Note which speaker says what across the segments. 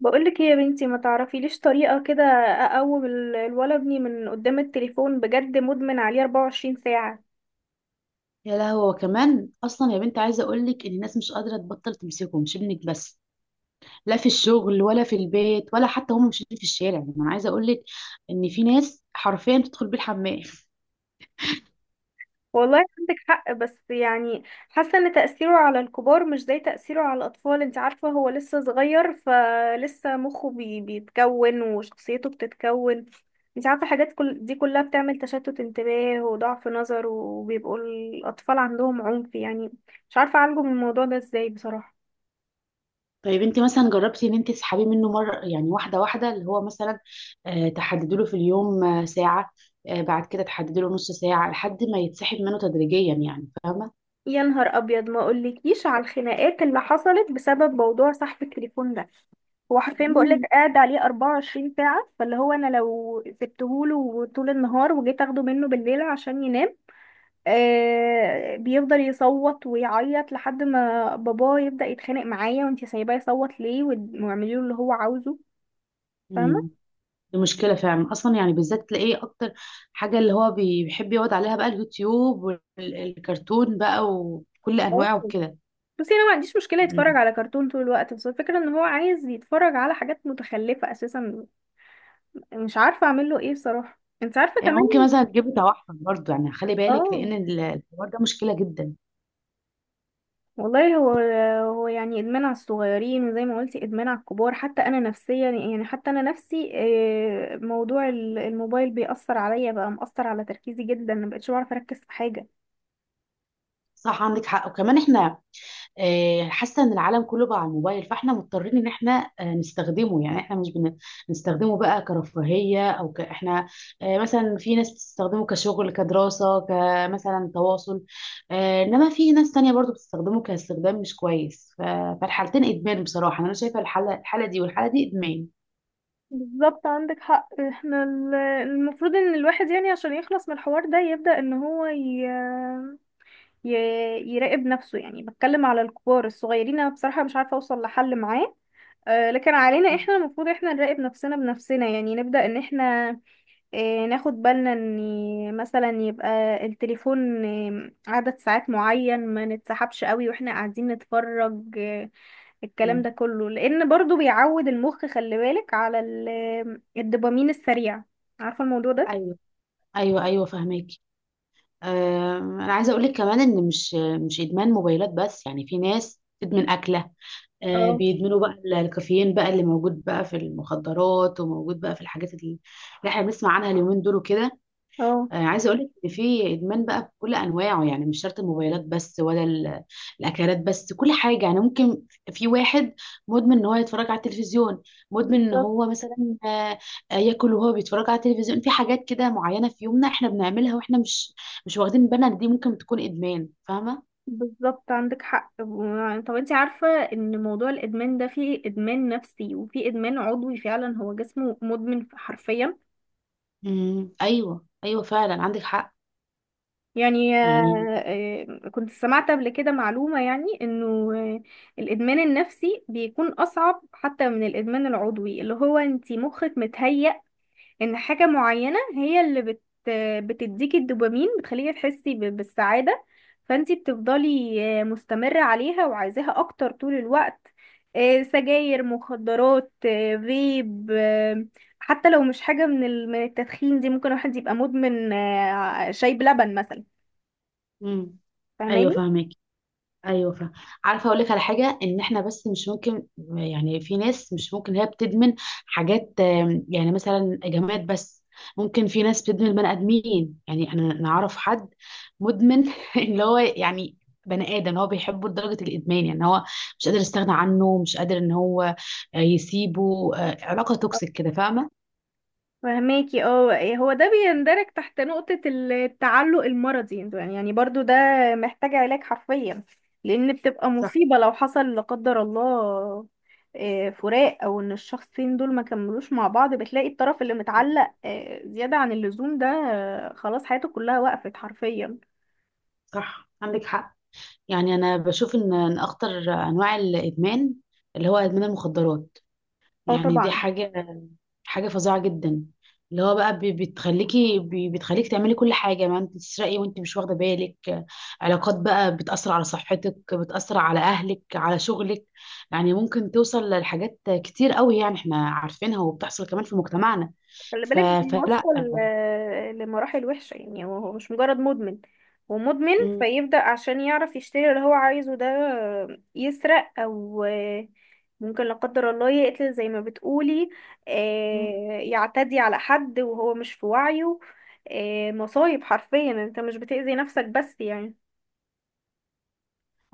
Speaker 1: بقولك ايه يا بنتي؟ ما تعرفي ليش طريقة كده. اقوم الولد ابني من قدام التليفون بجد مدمن عليه 24 ساعة.
Speaker 2: يا لهوي، هو كمان اصلا يا بنت، عايزه اقول لك ان الناس مش قادره تبطل تمسكه، مش ابنك بس. لا في الشغل ولا في البيت ولا حتى هم ماشيين في الشارع، يعني انا عايزه اقول لك ان في ناس حرفيا تدخل بيه الحمام.
Speaker 1: والله عندك حق، بس يعني حاسة ان تأثيره على الكبار مش زي تأثيره على الاطفال. انت عارفة هو لسه صغير، فلسه مخه بيتكون وشخصيته بتتكون. انت عارفة حاجات كل دي كلها بتعمل تشتت انتباه وضعف نظر وبيبقوا الاطفال عندهم عنف. يعني مش عارفة اعالجه من الموضوع ده ازاي بصراحة.
Speaker 2: طيب انت مثلا جربتي ان انت تسحبيه منه مره، يعني واحده واحده، اللي هو مثلا تحددي له في اليوم ساعه. بعد كده تحددي له نص ساعه لحد ما يتسحب منه تدريجيا، يعني فاهمه؟
Speaker 1: يا نهار ابيض، ما اقولكيش على الخناقات اللي حصلت بسبب موضوع صاحب التليفون ده. هو حرفيا بقولك قاعد عليه 24 ساعة. فاللي هو انا لو سبتهوله طول النهار وجيت اخده منه بالليل عشان ينام، بيفضل يصوت ويعيط لحد ما باباه يبدأ يتخانق معايا، وانتي سايباه يصوت ليه واعملي له اللي هو عاوزه. فاهمة.
Speaker 2: امم. دي مشكلة فعلا أصلا، يعني بالذات تلاقيه أكتر حاجة اللي هو بيحب يقعد عليها بقى اليوتيوب والكرتون بقى وكل
Speaker 1: اه.
Speaker 2: أنواعه وكده.
Speaker 1: بصي، انا ما عنديش مشكلة يتفرج
Speaker 2: م.
Speaker 1: على كرتون طول الوقت، بس الفكرة ان هو عايز يتفرج على حاجات متخلفة اساسا. مش عارفة اعمل له ايه بصراحة. انت عارفة
Speaker 2: يعني
Speaker 1: كمان.
Speaker 2: ممكن مثلا تجيب توحد برضه، يعني خلي بالك
Speaker 1: اه.
Speaker 2: لأن الحوار ده مشكلة جدا.
Speaker 1: والله هو يعني ادمان على الصغيرين، وزي ما قلتي ادمان على الكبار. حتى انا نفسيا، يعني حتى انا نفسي، موضوع الموبايل بيأثر عليا. بقى مأثر على تركيزي جدا، ما بقتش بعرف اركز في حاجة.
Speaker 2: صح، عندك حق. وكمان إحنا حاسه ان العالم كله بقى على الموبايل، فاحنا مضطرين ان احنا نستخدمه، يعني احنا مش بن- بنستخدمه بقى كرفاهيه او احنا مثلا في ناس بتستخدمه كشغل كدراسه كمثلا تواصل. انما في ناس تانية برضو بتستخدمه كاستخدام مش كويس. فالحالتين ادمان بصراحه، انا شايفه الحاله دي والحاله دي ادمان.
Speaker 1: بالظبط، عندك حق. احنا المفروض ان الواحد يعني عشان يخلص من الحوار ده يبدأ ان هو ي... يراقب نفسه. يعني بتكلم على الكبار الصغيرين. انا بصراحة مش عارفة اوصل لحل معاه. لكن علينا
Speaker 2: مم.
Speaker 1: احنا المفروض احنا نراقب نفسنا بنفسنا. يعني نبدأ ان احنا ناخد بالنا ان مثلا يبقى التليفون عدد ساعات معين ما نتسحبش قوي واحنا قاعدين نتفرج. الكلام
Speaker 2: مم.
Speaker 1: ده كله، لان برضو بيعود المخ. خلي بالك على الدوبامين السريع. عارفة الموضوع ده؟
Speaker 2: ايوه، ايوه، ايوه، فهماكي. انا عايزه اقول لك كمان ان مش ادمان موبايلات بس، يعني في ناس تدمن اكله.
Speaker 1: اه.
Speaker 2: بيدمنوا بقى الكافيين بقى اللي موجود بقى في المخدرات وموجود بقى في الحاجات اللي احنا بنسمع عنها اليومين دول وكده.
Speaker 1: اه،
Speaker 2: عايزه اقول لك ان في ادمان بقى بكل انواعه، يعني مش شرط الموبايلات بس ولا الاكلات بس، كل حاجه يعني ممكن. في واحد مدمن ان هو يتفرج على التلفزيون، مدمن ان
Speaker 1: بالظبط.
Speaker 2: هو مثلا ياكل وهو بيتفرج على التلفزيون. في حاجات كده معينه في يومنا احنا بنعملها واحنا مش واخدين بالنا إن دي ممكن تكون ادمان، فاهمه؟
Speaker 1: بالظبط، عندك حق. طب انت عارفة ان موضوع الادمان ده فيه ادمان نفسي وفيه ادمان عضوي؟ فعلا هو جسمه مدمن حرفيا.
Speaker 2: امم، ايوه، ايوه، فعلا عندك حق
Speaker 1: يعني
Speaker 2: يعني.
Speaker 1: كنت سمعت قبل كده معلومة، يعني انه آه، الادمان النفسي بيكون اصعب حتى من الادمان العضوي. اللي هو انت مخك متهيأ ان حاجة معينة هي اللي بتديكي الدوبامين، بتخليكي تحسي بالسعادة، فانتي بتفضلي مستمرة عليها وعايزاها اكتر طول الوقت. سجاير، مخدرات، فيب، حتى لو مش حاجة من من التدخين دي، ممكن واحد يبقى مدمن شاي بلبن مثلا.
Speaker 2: امم، ايوه
Speaker 1: فاهماني؟
Speaker 2: فاهمك، ايوه فاهم. عارفه اقول لك على حاجه، ان احنا بس مش ممكن، يعني في ناس مش ممكن هي بتدمن حاجات، يعني مثلا جماد بس. ممكن في ناس بتدمن بني ادمين، يعني انا نعرف حد مدمن اللي هو يعني بني ادم هو بيحبه لدرجه الادمان، يعني هو مش قادر يستغنى عنه، مش قادر ان هو يسيبه، علاقه توكسيك كده، فاهمه؟
Speaker 1: فهماكي. اه، إيه، هو ده بيندرج تحت نقطة التعلق المرضي. يعني يعني برضو ده محتاج علاج حرفيا، لأن بتبقى
Speaker 2: صح،
Speaker 1: مصيبة. لو حصل لا قدر الله فراق أو إن الشخصين دول ما كملوش مع بعض، بتلاقي الطرف اللي متعلق زيادة عن اللزوم ده خلاص حياته كلها وقفت حرفيا.
Speaker 2: صح، عندك حق. يعني انا بشوف ان اخطر انواع الادمان اللي هو ادمان المخدرات،
Speaker 1: اه
Speaker 2: يعني دي
Speaker 1: طبعا.
Speaker 2: حاجه فظيعه جدا. اللي هو بقى بتخليكي، بتخليك تعملي كل حاجه، ما انت تسرقي وانت مش واخده بالك. علاقات بقى بتاثر على صحتك، بتاثر على اهلك، على شغلك. يعني ممكن توصل لحاجات كتير قوي، يعني احنا عارفينها وبتحصل كمان في مجتمعنا.
Speaker 1: خلي بالك،
Speaker 2: فلا.
Speaker 1: بيوصل لمراحل وحشة. يعني هو مش مجرد مدمن، هو مدمن فيبدأ عشان يعرف يشتري اللي هو عايزه ده يسرق أو ممكن لا قدر الله يقتل زي ما بتقولي،
Speaker 2: مم.
Speaker 1: يعتدي على حد وهو مش في وعيه. مصايب حرفيا، انت مش بتأذي نفسك بس يعني.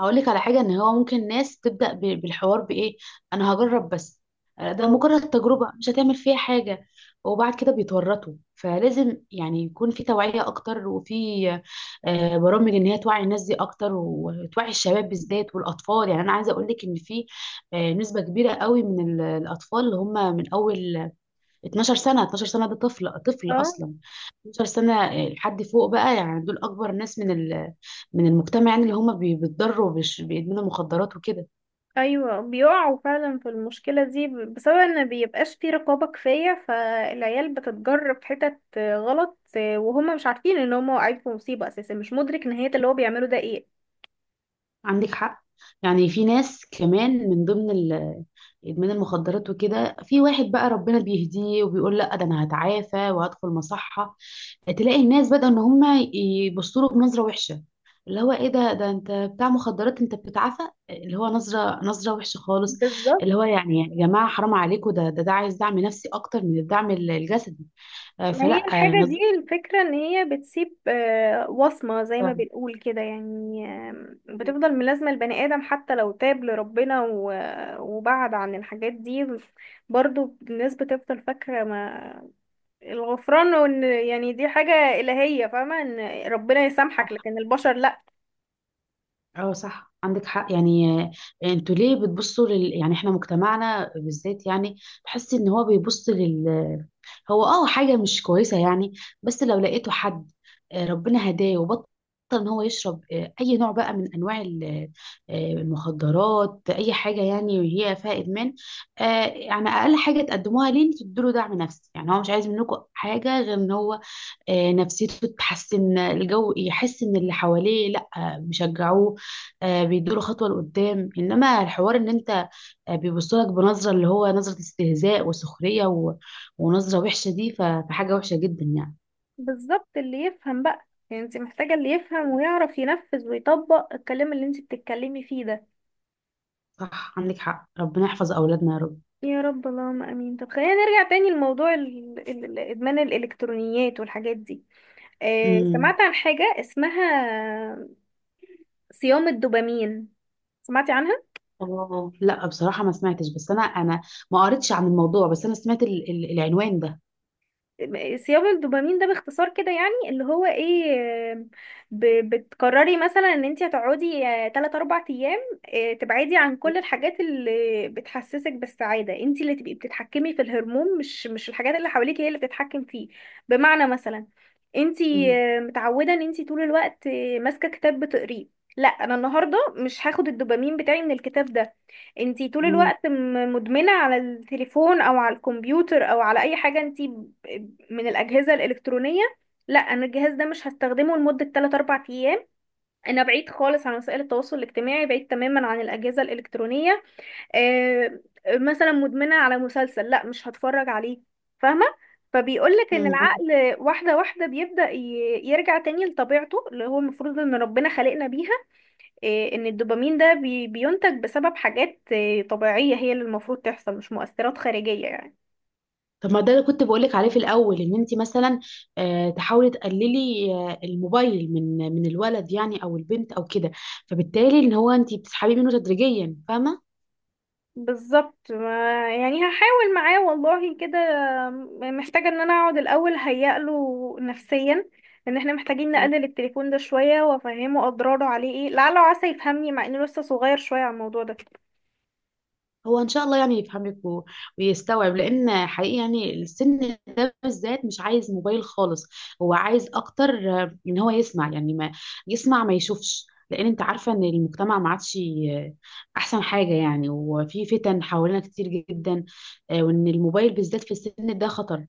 Speaker 2: هقول لك على حاجه، ان هو ممكن ناس تبدا بالحوار بايه: انا هجرب بس، ده مجرد تجربه مش هتعمل فيها حاجه، وبعد كده بيتورطوا. فلازم يعني يكون في توعيه اكتر، وفي برامج ان هي توعي الناس دي اكتر وتوعي الشباب بالذات والاطفال. يعني انا عايزه اقول لك ان في نسبه كبيره قوي من الاطفال اللي هم من اول 12 سنة. 12 سنة ده طفل، طفل
Speaker 1: اه.
Speaker 2: أصلا. 12 سنة لحد فوق بقى، يعني دول أكبر ناس من من المجتمع، يعني اللي هم بيتضروا بيدمنوا مخدرات وكده.
Speaker 1: ايوه، بيقعوا فعلا في المشكله دي بسبب ان بيبقاش في رقابه كفايه، فالعيال بتتجر في حتت غلط، وهم مش عارفين ان هم واقعين في مصيبه اساسا. مش مدرك نهايه اللي هو بيعمله ده ايه.
Speaker 2: عندك حق. يعني في ناس كمان من ضمن إدمان المخدرات وكده، في واحد بقى ربنا بيهديه وبيقول لا، ده أنا هتعافى وهدخل مصحة، تلاقي الناس بدأوا ان هم يبصوا له بنظره وحشه، اللي هو ايه ده انت بتاع مخدرات انت بتتعافى؟ اللي هو نظره وحشه خالص.
Speaker 1: بالظبط.
Speaker 2: اللي هو يعني يا جماعه حرام عليكم، ده عايز دعم نفسي اكتر من الدعم الجسدي.
Speaker 1: ما
Speaker 2: فلا
Speaker 1: هي الحاجه دي
Speaker 2: نظرة.
Speaker 1: الفكره ان هي بتسيب وصمه، زي ما بنقول كده. يعني آم، بتفضل ملازمه البني ادم حتى لو تاب لربنا وبعد عن الحاجات دي. برضو الناس بتفضل فاكره. ما الغفران وان يعني دي حاجة إلهية. فاهمة ان ربنا يسامحك
Speaker 2: صح،
Speaker 1: لكن البشر لا.
Speaker 2: اه صح، عندك حق يعني. انتوا ليه بتبصوا يعني احنا مجتمعنا بالذات، يعني تحس ان هو بيبص هو اه حاجة مش كويسة يعني. بس لو لقيته حد ربنا هداه وبطل ان هو يشرب اي نوع بقى من انواع المخدرات، اي حاجة يعني هي فيها ادمان. يعني اقل حاجة تقدموها ليه انتوا تدوا دعم نفسي، يعني هو مش عايز منكم حاجة غير ان هو نفسيته تتحسن، الجو يحس ان اللي حواليه لا، بيشجعوه، بيدوله خطوة لقدام. انما الحوار ان انت بيبصوا لك بنظره اللي هو نظره استهزاء وسخريه ونظره وحشه، دي فحاجه وحشه جدا يعني.
Speaker 1: بالظبط. اللي يفهم بقى، يعني انت محتاجة اللي يفهم ويعرف ينفذ ويطبق الكلام اللي انت بتتكلمي فيه ده.
Speaker 2: صح، عندك حق، ربنا يحفظ اولادنا يا رب.
Speaker 1: يا رب، اللهم امين. طب خلينا نرجع تاني لموضوع ادمان الالكترونيات والحاجات دي. آه،
Speaker 2: امم.
Speaker 1: سمعت عن حاجة اسمها صيام الدوبامين؟ سمعتي عنها؟
Speaker 2: اه لا، بصراحه ما سمعتش، بس انا ما قريتش عن الموضوع، بس انا سمعت العنوان ده.
Speaker 1: صيام الدوبامين ده باختصار كده يعني اللي هو ايه. آه، بتقرري مثلا ان انت هتقعدي تلات اربع ايام تبعدي عن كل الحاجات اللي بتحسسك بالسعادة. انت اللي تبقي بتتحكمي في الهرمون، مش الحاجات اللي حواليك هي اللي بتتحكم فيه. بمعنى مثلا انت
Speaker 2: امم،
Speaker 1: متعودة ان انت طول الوقت ماسكة كتاب بتقريه. لا، انا النهارده مش هاخد الدوبامين بتاعي من الكتاب ده. انتي طول
Speaker 2: امم،
Speaker 1: الوقت مدمنة على التليفون او على الكمبيوتر او على اي حاجة انتي من الأجهزة الإلكترونية. لا، أنا الجهاز ده مش هستخدمه لمدة 3 4 أيام. أنا بعيد خالص عن وسائل التواصل الاجتماعي، بعيد تماما عن الأجهزة الإلكترونية. آه، مثلا مدمنة على مسلسل، لا مش هتفرج عليه. فاهمة؟ فبيقولك ان
Speaker 2: امم، عندك.
Speaker 1: العقل واحدة واحدة بيبدأ يرجع تاني لطبيعته اللي هو المفروض ان ربنا خلقنا بيها. إيه، ان الدوبامين ده بينتج بسبب حاجات إيه، طبيعية، هي اللي المفروض تحصل، مش مؤثرات خارجية يعني.
Speaker 2: طب ما ده اللي كنت بقولك عليه في الاول، ان انت مثلا تحاولي تقللي الموبايل من الولد، يعني او البنت او كده، فبالتالي ان هو انت بتسحبيه منه تدريجيا، فاهمه؟
Speaker 1: بالظبط. ما يعني هحاول معاه والله كده. محتاجة ان انا اقعد الاول هيأ له نفسيا ان احنا محتاجين نقلل التليفون ده شوية، وافهمه اضراره عليه ايه. لعله وعسى يفهمني، مع انه لسه صغير شوية على الموضوع ده.
Speaker 2: هو ان شاء الله يعني يفهمك ويستوعب، لان حقيقي يعني السن ده بالذات مش عايز موبايل خالص. هو عايز اكتر ان هو يسمع، يعني ما يسمع ما يشوفش، لان انت عارفه ان المجتمع ما عادش آه، احسن حاجه يعني، وفي فتن حوالينا كتير جدا، وان الموبايل بالذات في السن ده خطر.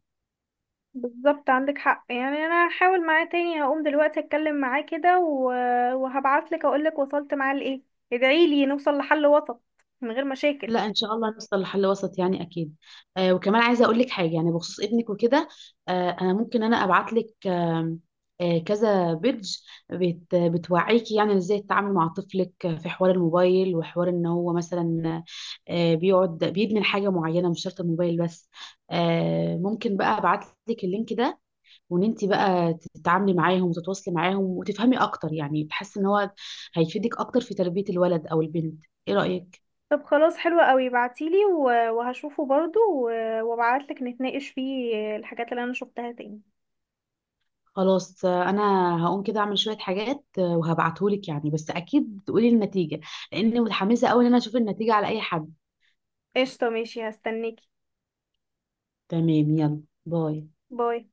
Speaker 1: بالظبط، عندك حق. يعني انا هحاول معاه تاني. هقوم دلوقتي اتكلم معاه كده وهبعتلك اقولك وصلت معاه لايه. ادعيلي نوصل لحل وسط من غير مشاكل.
Speaker 2: لا، ان شاء الله نوصل لحل وسط يعني اكيد. وكمان عايزه اقول لك حاجه يعني بخصوص ابنك وكده. انا ممكن انا ابعت لك كذا بيدج بتوعيكي، يعني ازاي تتعامل مع طفلك في حوار الموبايل وحوار ان هو مثلا بيقعد بيدمن حاجه معينه، مش شرط الموبايل بس. ممكن بقى ابعت لك اللينك ده، وان انت بقى تتعاملي معاهم وتتواصلي معاهم وتفهمي اكتر، يعني تحسي ان هو هيفيدك اكتر في تربيه الولد او البنت. ايه رايك؟
Speaker 1: طب خلاص، حلوة قوي. بعتيلي وهشوفه برضو، وابعتلك نتناقش فيه الحاجات اللي انا شفتها تاني.
Speaker 2: خلاص. انا هقوم كده اعمل شويه حاجات وهبعتهولك يعني، بس اكيد تقولي النتيجه، لاني متحمسه قوي ان انا اشوف النتيجه على اي حد.
Speaker 1: قشطة، ماشي، هستناكي.
Speaker 2: تمام. يلا. باي.
Speaker 1: باي.